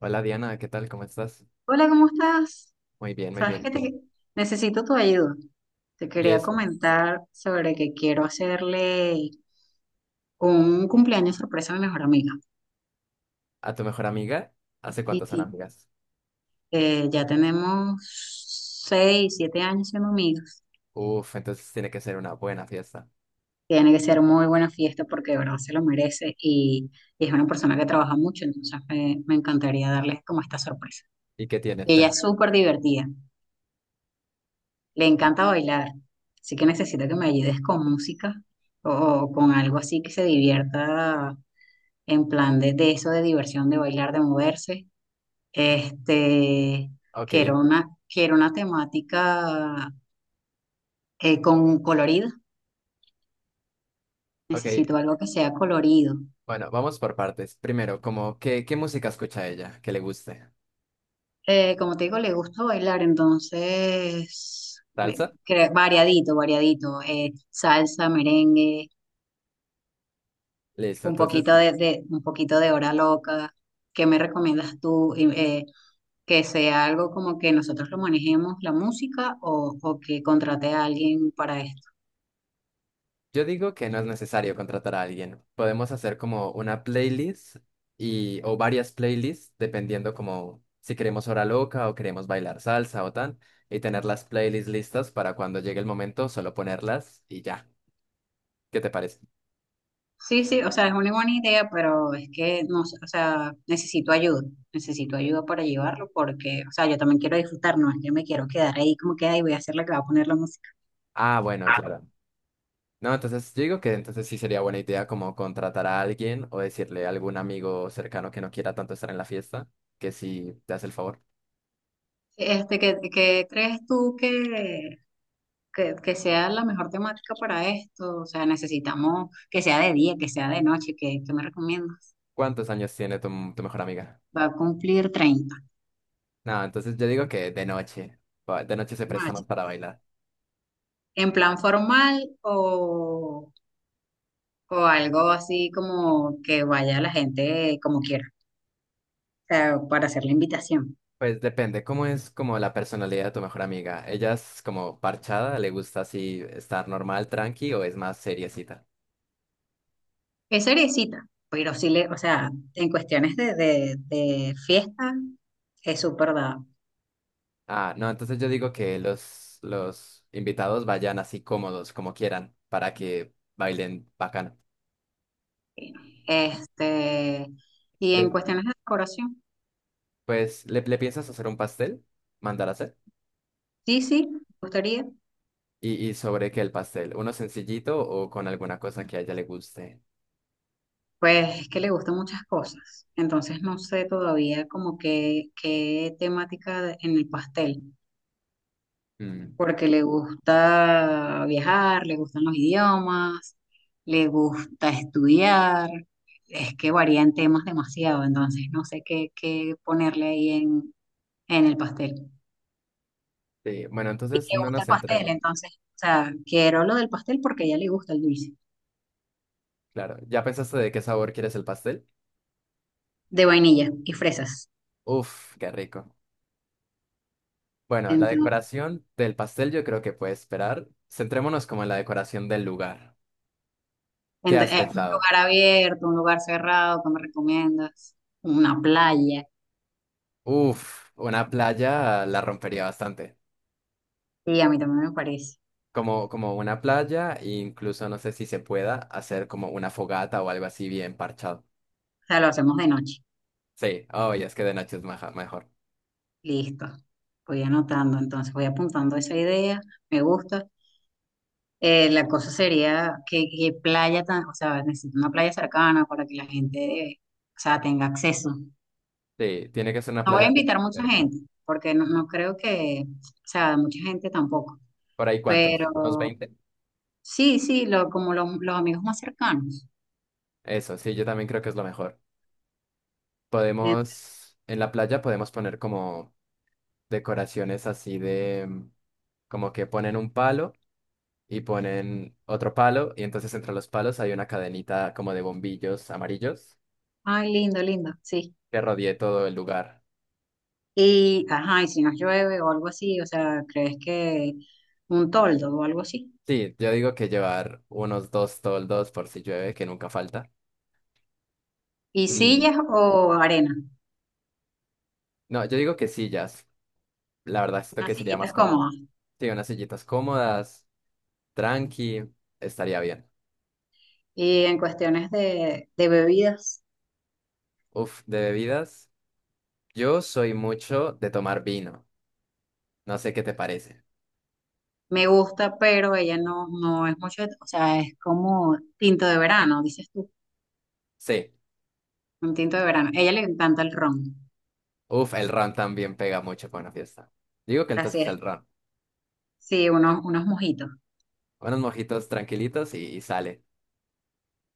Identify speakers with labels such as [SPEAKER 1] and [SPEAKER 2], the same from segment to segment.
[SPEAKER 1] Hola Diana, ¿qué tal? ¿Cómo estás?
[SPEAKER 2] Hola, ¿cómo estás?
[SPEAKER 1] Muy bien, muy
[SPEAKER 2] Sabes
[SPEAKER 1] bien.
[SPEAKER 2] que
[SPEAKER 1] ¿Y tú?
[SPEAKER 2] te necesito tu ayuda. Te
[SPEAKER 1] Y
[SPEAKER 2] quería
[SPEAKER 1] eso,
[SPEAKER 2] comentar sobre que quiero hacerle un cumpleaños sorpresa a mi mejor amiga.
[SPEAKER 1] ¿a tu mejor amiga? ¿Hace
[SPEAKER 2] Sí,
[SPEAKER 1] cuántos son
[SPEAKER 2] sí.
[SPEAKER 1] amigas?
[SPEAKER 2] Ya tenemos 6, 7 años siendo amigos.
[SPEAKER 1] Uf, entonces tiene que ser una buena fiesta.
[SPEAKER 2] Tiene que ser muy buena fiesta porque de verdad se lo merece y es una persona que trabaja mucho. Entonces me encantaría darle como esta sorpresa.
[SPEAKER 1] ¿Y qué tienes?
[SPEAKER 2] Ella es
[SPEAKER 1] ¿Pen?
[SPEAKER 2] súper divertida. Le encanta bailar, así que necesito que me ayudes con música o con algo así que se divierta en plan de eso, de diversión, de bailar, de moverse. Este,
[SPEAKER 1] Ok,
[SPEAKER 2] quiero una temática con colorido.
[SPEAKER 1] ok.
[SPEAKER 2] Necesito algo que sea colorido.
[SPEAKER 1] Bueno, vamos por partes. Primero, como, ¿qué, qué música escucha ella? Que le guste.
[SPEAKER 2] Como te digo, le gusta bailar. Entonces
[SPEAKER 1] ¿Salsa?
[SPEAKER 2] variadito, variadito, salsa, merengue,
[SPEAKER 1] Listo, entonces
[SPEAKER 2] un poquito de hora loca. ¿Qué me recomiendas tú? Y que sea algo como que nosotros lo manejemos la música, o que contrate a alguien para esto.
[SPEAKER 1] yo digo que no es necesario contratar a alguien. Podemos hacer como una playlist y o varias playlists dependiendo como si queremos hora loca o queremos bailar salsa o tan y tener las playlists listas para cuando llegue el momento solo ponerlas y ya. ¿Qué te parece?
[SPEAKER 2] Sí, sí, o sea, es una buena idea, pero es que no sé, o sea, necesito ayuda. Necesito ayuda para llevarlo porque, o sea, yo también quiero disfrutar. No es que me quiero quedar ahí como queda y voy a hacer la que va a poner la música.
[SPEAKER 1] Ah, bueno, claro. No, entonces yo digo que entonces sí sería buena idea como contratar a alguien o decirle a algún amigo cercano que no quiera tanto estar en la fiesta, que si te hace el favor.
[SPEAKER 2] Qué crees tú que sea la mejor temática para esto? O sea, ¿necesitamos que sea de día, que sea de noche? ¿Qué me recomiendas?
[SPEAKER 1] ¿Cuántos años tiene tu, tu mejor amiga?
[SPEAKER 2] Va a cumplir 30,
[SPEAKER 1] No, entonces yo digo que de noche. De noche se presta
[SPEAKER 2] noche.
[SPEAKER 1] más para bailar.
[SPEAKER 2] ¿En plan formal, o algo así como que vaya la gente como quiera? O sea, para hacer la invitación.
[SPEAKER 1] Pues depende cómo es como la personalidad de tu mejor amiga. ¿Ella es como parchada? ¿Le gusta así estar normal, tranqui o es más seriecita?
[SPEAKER 2] Es seriecita, pero sí le, o sea, en cuestiones de fiesta es súper dado.
[SPEAKER 1] Ah, no, entonces yo digo que los invitados vayan así cómodos, como quieran, para que bailen bacano.
[SPEAKER 2] Este, y en
[SPEAKER 1] Le-
[SPEAKER 2] cuestiones de decoración,
[SPEAKER 1] pues, le piensas hacer un pastel? ¿Mandar a hacer?
[SPEAKER 2] sí, sí, me gustaría.
[SPEAKER 1] Y sobre qué el pastel? ¿Uno sencillito o con alguna cosa que a ella le guste?
[SPEAKER 2] Pues es que le gustan muchas cosas, entonces no sé todavía como que qué temática en el pastel,
[SPEAKER 1] Mm,
[SPEAKER 2] porque le gusta viajar, le gustan los idiomas, le gusta estudiar. Es que varía en temas demasiado, entonces no sé qué ponerle ahí en el pastel. Le
[SPEAKER 1] sí, bueno, entonces no
[SPEAKER 2] gusta
[SPEAKER 1] nos
[SPEAKER 2] el pastel,
[SPEAKER 1] centremos.
[SPEAKER 2] entonces, o sea, quiero lo del pastel porque a ella le gusta el dulce,
[SPEAKER 1] Claro, ¿ya pensaste de qué sabor quieres el pastel?
[SPEAKER 2] de vainilla y fresas.
[SPEAKER 1] Uf, qué rico. Bueno, la decoración del pastel yo creo que puede esperar. Centrémonos como en la decoración del lugar. ¿Qué
[SPEAKER 2] Ent-
[SPEAKER 1] has
[SPEAKER 2] eh, un
[SPEAKER 1] pensado?
[SPEAKER 2] lugar abierto, un lugar cerrado, ¿qué me recomiendas? Una playa.
[SPEAKER 1] Uf, una playa la rompería bastante.
[SPEAKER 2] Sí, a mí también me parece.
[SPEAKER 1] Como, como una playa, e incluso no sé si se pueda hacer como una fogata o algo así bien parchado.
[SPEAKER 2] O sea, lo hacemos de noche.
[SPEAKER 1] Sí, oh, ya es que de noche es mejor.
[SPEAKER 2] Listo. Voy anotando, entonces voy apuntando esa idea. Me gusta. La cosa sería que playa, tan, o sea, necesito una playa cercana para que la gente, eh, o sea, tenga acceso.
[SPEAKER 1] Sí, tiene que ser una
[SPEAKER 2] No voy a
[SPEAKER 1] playa que
[SPEAKER 2] invitar mucha
[SPEAKER 1] cerca.
[SPEAKER 2] gente, porque no creo que, o sea, mucha gente tampoco.
[SPEAKER 1] ¿Por ahí cuántos? ¿Unos
[SPEAKER 2] Pero
[SPEAKER 1] 20?
[SPEAKER 2] sí, sí, como los amigos más cercanos.
[SPEAKER 1] Eso, sí, yo también creo que es lo mejor. Podemos, en la playa podemos poner como decoraciones así de, mm, como que ponen un palo y ponen otro palo y entonces entre los palos hay una cadenita como de bombillos amarillos
[SPEAKER 2] Ay, lindo, lindo, sí.
[SPEAKER 1] que rodee todo el lugar.
[SPEAKER 2] Y, ajá, y si nos llueve o algo así, o sea, ¿crees que un toldo o algo así?
[SPEAKER 1] Sí, yo digo que llevar unos dos toldos por si llueve, que nunca falta.
[SPEAKER 2] ¿Y
[SPEAKER 1] Y
[SPEAKER 2] sillas o arena?
[SPEAKER 1] no, yo digo que sillas, la verdad esto
[SPEAKER 2] Unas
[SPEAKER 1] que sería más
[SPEAKER 2] sillitas
[SPEAKER 1] cómodo.
[SPEAKER 2] cómodas.
[SPEAKER 1] Sí, unas sillitas cómodas, tranqui, estaría bien.
[SPEAKER 2] Y en cuestiones de bebidas,
[SPEAKER 1] Uf, de bebidas, yo soy mucho de tomar vino. No sé qué te parece.
[SPEAKER 2] me gusta, pero ella no es mucho, o sea, es como tinto de verano, dices tú,
[SPEAKER 1] Sí.
[SPEAKER 2] un tinto de verano. A ella le encanta el ron,
[SPEAKER 1] Uf, el ron también pega mucho con una fiesta. Digo que
[SPEAKER 2] así
[SPEAKER 1] entonces
[SPEAKER 2] es.
[SPEAKER 1] el ron.
[SPEAKER 2] Sí, unos mojitos
[SPEAKER 1] Unos mojitos tranquilitos y sale.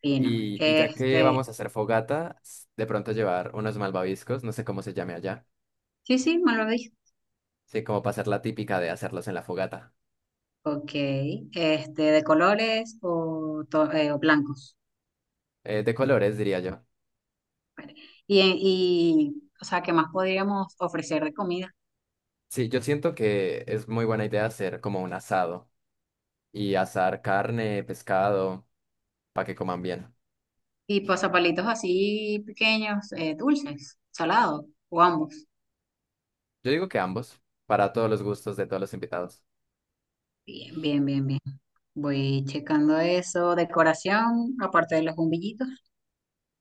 [SPEAKER 2] finos.
[SPEAKER 1] Y ya que vamos a hacer fogata, de pronto llevar unos malvaviscos, no sé cómo se llame allá.
[SPEAKER 2] Sí, sí, me lo.
[SPEAKER 1] Sí, como para hacer la típica de hacerlos en la fogata.
[SPEAKER 2] Ok, de colores, o blancos.
[SPEAKER 1] De colores, diría yo.
[SPEAKER 2] Y, o sea, ¿qué más podríamos ofrecer de comida?
[SPEAKER 1] Sí, yo siento que es muy buena idea hacer como un asado y asar carne, pescado, para que coman bien.
[SPEAKER 2] Y pasapalitos así pequeños, dulces, salados, o ambos.
[SPEAKER 1] Yo digo que ambos, para todos los gustos de todos los invitados.
[SPEAKER 2] Bien, bien, bien, bien. Voy checando eso, decoración, aparte de los bombillitos.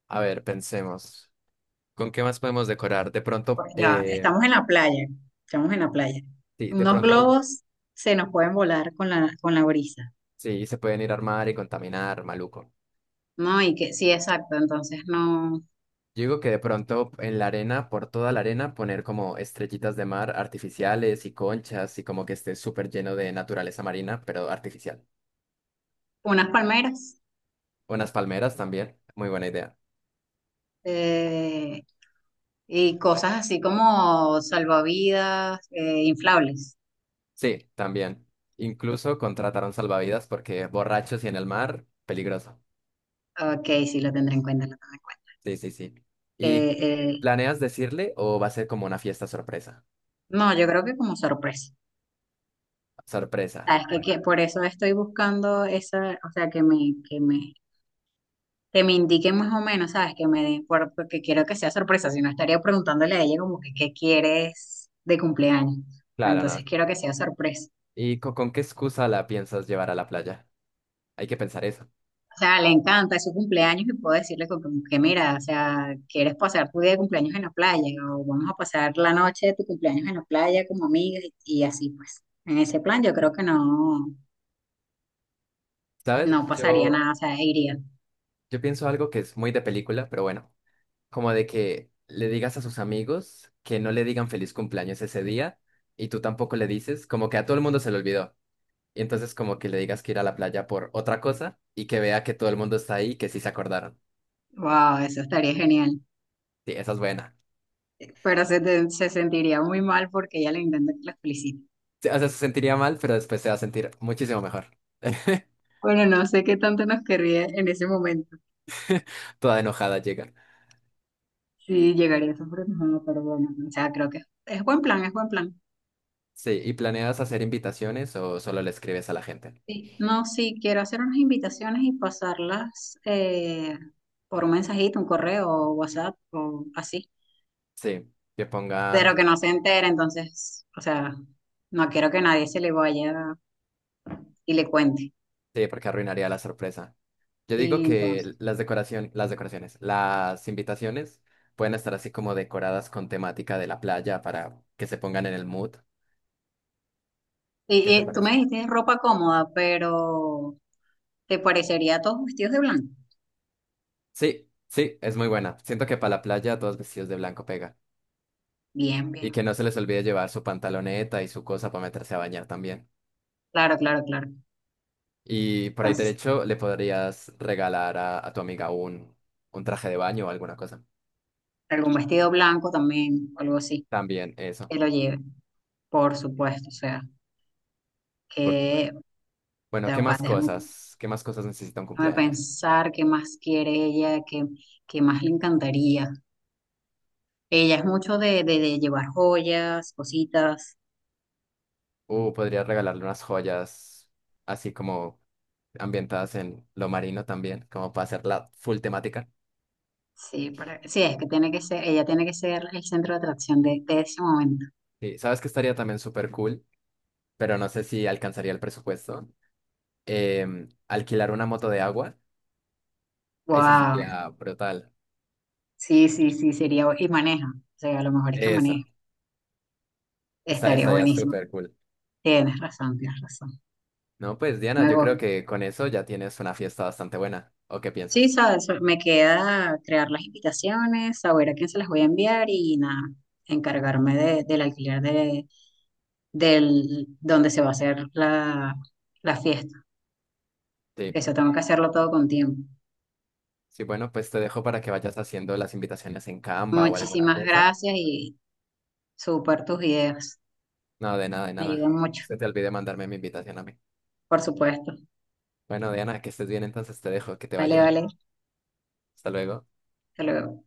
[SPEAKER 1] A ver, pensemos. ¿Con qué más podemos decorar? De pronto,
[SPEAKER 2] Pues ya, estamos en la playa, estamos en la playa.
[SPEAKER 1] sí, de
[SPEAKER 2] Unos
[SPEAKER 1] pronto,
[SPEAKER 2] globos se nos pueden volar con la brisa,
[SPEAKER 1] sí, se pueden ir a armar y contaminar, maluco.
[SPEAKER 2] ¿no? Y que, sí, exacto, entonces no,
[SPEAKER 1] Yo digo que de pronto en la arena, por toda la arena, poner como estrellitas de mar artificiales y conchas y como que esté súper lleno de naturaleza marina, pero artificial.
[SPEAKER 2] unas palmeras.
[SPEAKER 1] Unas palmeras también, muy buena idea.
[SPEAKER 2] eh, Y cosas así como salvavidas, inflables.
[SPEAKER 1] Sí, también. Incluso contrataron salvavidas porque borrachos y en el mar, peligroso.
[SPEAKER 2] Ok, sí, lo tendré en cuenta, lo tendré en cuenta.
[SPEAKER 1] Sí, sí, sí. ¿Y
[SPEAKER 2] Eh, eh,
[SPEAKER 1] planeas decirle o va a ser como una fiesta sorpresa?
[SPEAKER 2] no, yo creo que como sorpresa.
[SPEAKER 1] Sorpresa.
[SPEAKER 2] Sabes que,
[SPEAKER 1] Bueno.
[SPEAKER 2] que por eso estoy buscando esa, o sea, que me indiquen más o menos, ¿sabes? Que me den, porque quiero que sea sorpresa. Si no, estaría preguntándole a ella como que qué quieres de cumpleaños. Pero
[SPEAKER 1] Claro,
[SPEAKER 2] entonces
[SPEAKER 1] no.
[SPEAKER 2] quiero que sea sorpresa.
[SPEAKER 1] ¿Y con, qué excusa la piensas llevar a la playa? Hay que pensar eso.
[SPEAKER 2] O sea, le encanta, es su cumpleaños y puedo decirle como que mira, o sea, ¿quieres pasar tu día de cumpleaños en la playa? O vamos a pasar la noche de tu cumpleaños en la playa como amigas, y así pues. En ese plan yo creo que no,
[SPEAKER 1] ¿Sabes?
[SPEAKER 2] no pasaría
[SPEAKER 1] Yo,
[SPEAKER 2] nada, o sea, iría.
[SPEAKER 1] yo pienso algo que es muy de película, pero bueno, como de que le digas a sus amigos que no le digan feliz cumpleaños ese día y tú tampoco le dices, como que a todo el mundo se le olvidó. Y entonces como que le digas que ir a la playa por otra cosa y que vea que todo el mundo está ahí y que sí se acordaron.
[SPEAKER 2] Wow, eso estaría genial.
[SPEAKER 1] Sí, esa es buena.
[SPEAKER 2] Pero se sentiría muy mal porque ella le intenta que la felicite.
[SPEAKER 1] Sí, o sea, se sentiría mal, pero después se va a sentir muchísimo mejor.
[SPEAKER 2] Bueno, no sé qué tanto nos querría en ese momento.
[SPEAKER 1] Toda enojada llega.
[SPEAKER 2] Sí, llegaría a sorprendernos, pero bueno, o sea, creo que es buen plan, es buen plan.
[SPEAKER 1] Sí, ¿y planeas hacer invitaciones o solo le escribes a la gente?
[SPEAKER 2] Sí, no, sí, quiero hacer unas invitaciones y pasarlas, por un mensajito, un correo o WhatsApp o así,
[SPEAKER 1] Sí, que pongan,
[SPEAKER 2] pero que no se entere. Entonces, o sea, no quiero que nadie se le vaya y le cuente.
[SPEAKER 1] sí, porque arruinaría la sorpresa. Yo digo
[SPEAKER 2] Y entonces,
[SPEAKER 1] que las decoración, las decoraciones, las invitaciones pueden estar así como decoradas con temática de la playa para que se pongan en el mood. ¿Qué
[SPEAKER 2] y,
[SPEAKER 1] te
[SPEAKER 2] y tú me
[SPEAKER 1] parece?
[SPEAKER 2] dijiste ropa cómoda, pero ¿te parecería todos vestidos de blanco?
[SPEAKER 1] Sí, sí, es muy buena. Siento que para la playa todos vestidos de blanco pega.
[SPEAKER 2] Bien,
[SPEAKER 1] Y
[SPEAKER 2] bien,
[SPEAKER 1] que no se les olvide llevar su pantaloneta y su cosa para meterse a bañar también.
[SPEAKER 2] claro, claro, claro.
[SPEAKER 1] Y por ahí
[SPEAKER 2] Entonces,
[SPEAKER 1] derecho le podrías regalar a tu amiga un traje de baño o alguna cosa.
[SPEAKER 2] algún vestido blanco también, o algo así,
[SPEAKER 1] También eso.
[SPEAKER 2] que lo lleve, por supuesto. O sea, que
[SPEAKER 1] Bueno,
[SPEAKER 2] te
[SPEAKER 1] ¿qué más cosas? ¿Qué más cosas necesita un
[SPEAKER 2] déjame
[SPEAKER 1] cumpleaños?
[SPEAKER 2] pensar qué más quiere ella, qué más le encantaría. Ella es mucho de llevar joyas, cositas.
[SPEAKER 1] Podría regalarle unas joyas así como ambientadas en lo marino también, como para hacer la full temática.
[SPEAKER 2] Sí, para, sí, es que tiene que ser, ella tiene que ser el centro de atracción de ese momento.
[SPEAKER 1] Sí, sabes que estaría también súper cool, pero no sé si alcanzaría el presupuesto. Alquilar una moto de agua, eso
[SPEAKER 2] Wow,
[SPEAKER 1] sería brutal.
[SPEAKER 2] sí, sí, sí, sería, y maneja, o sea, a lo mejor es que
[SPEAKER 1] Eso,
[SPEAKER 2] maneja,
[SPEAKER 1] esa
[SPEAKER 2] estaría
[SPEAKER 1] estaría
[SPEAKER 2] buenísimo.
[SPEAKER 1] súper cool.
[SPEAKER 2] Tienes razón, tienes razón.
[SPEAKER 1] No, pues Diana,
[SPEAKER 2] Me
[SPEAKER 1] yo
[SPEAKER 2] gu-
[SPEAKER 1] creo que con eso ya tienes una fiesta bastante buena. ¿O qué
[SPEAKER 2] Sí,
[SPEAKER 1] piensas?
[SPEAKER 2] sabes, me queda crear las invitaciones, saber a quién se las voy a enviar y nada, encargarme del alquiler de del donde se va a hacer la fiesta.
[SPEAKER 1] Sí,
[SPEAKER 2] Eso tengo que hacerlo todo con tiempo.
[SPEAKER 1] sí, bueno, pues te dejo para que vayas haciendo las invitaciones en Canva o alguna
[SPEAKER 2] Muchísimas
[SPEAKER 1] cosa.
[SPEAKER 2] gracias y súper tus ideas.
[SPEAKER 1] No, de nada, de
[SPEAKER 2] Me
[SPEAKER 1] nada.
[SPEAKER 2] ayudan mucho,
[SPEAKER 1] Se te olvidó mandarme mi invitación a mí.
[SPEAKER 2] por supuesto.
[SPEAKER 1] Bueno, Diana, que estés bien, entonces te dejo, que te vaya
[SPEAKER 2] Vale,
[SPEAKER 1] bien.
[SPEAKER 2] vale.
[SPEAKER 1] Hasta luego.
[SPEAKER 2] Hasta luego.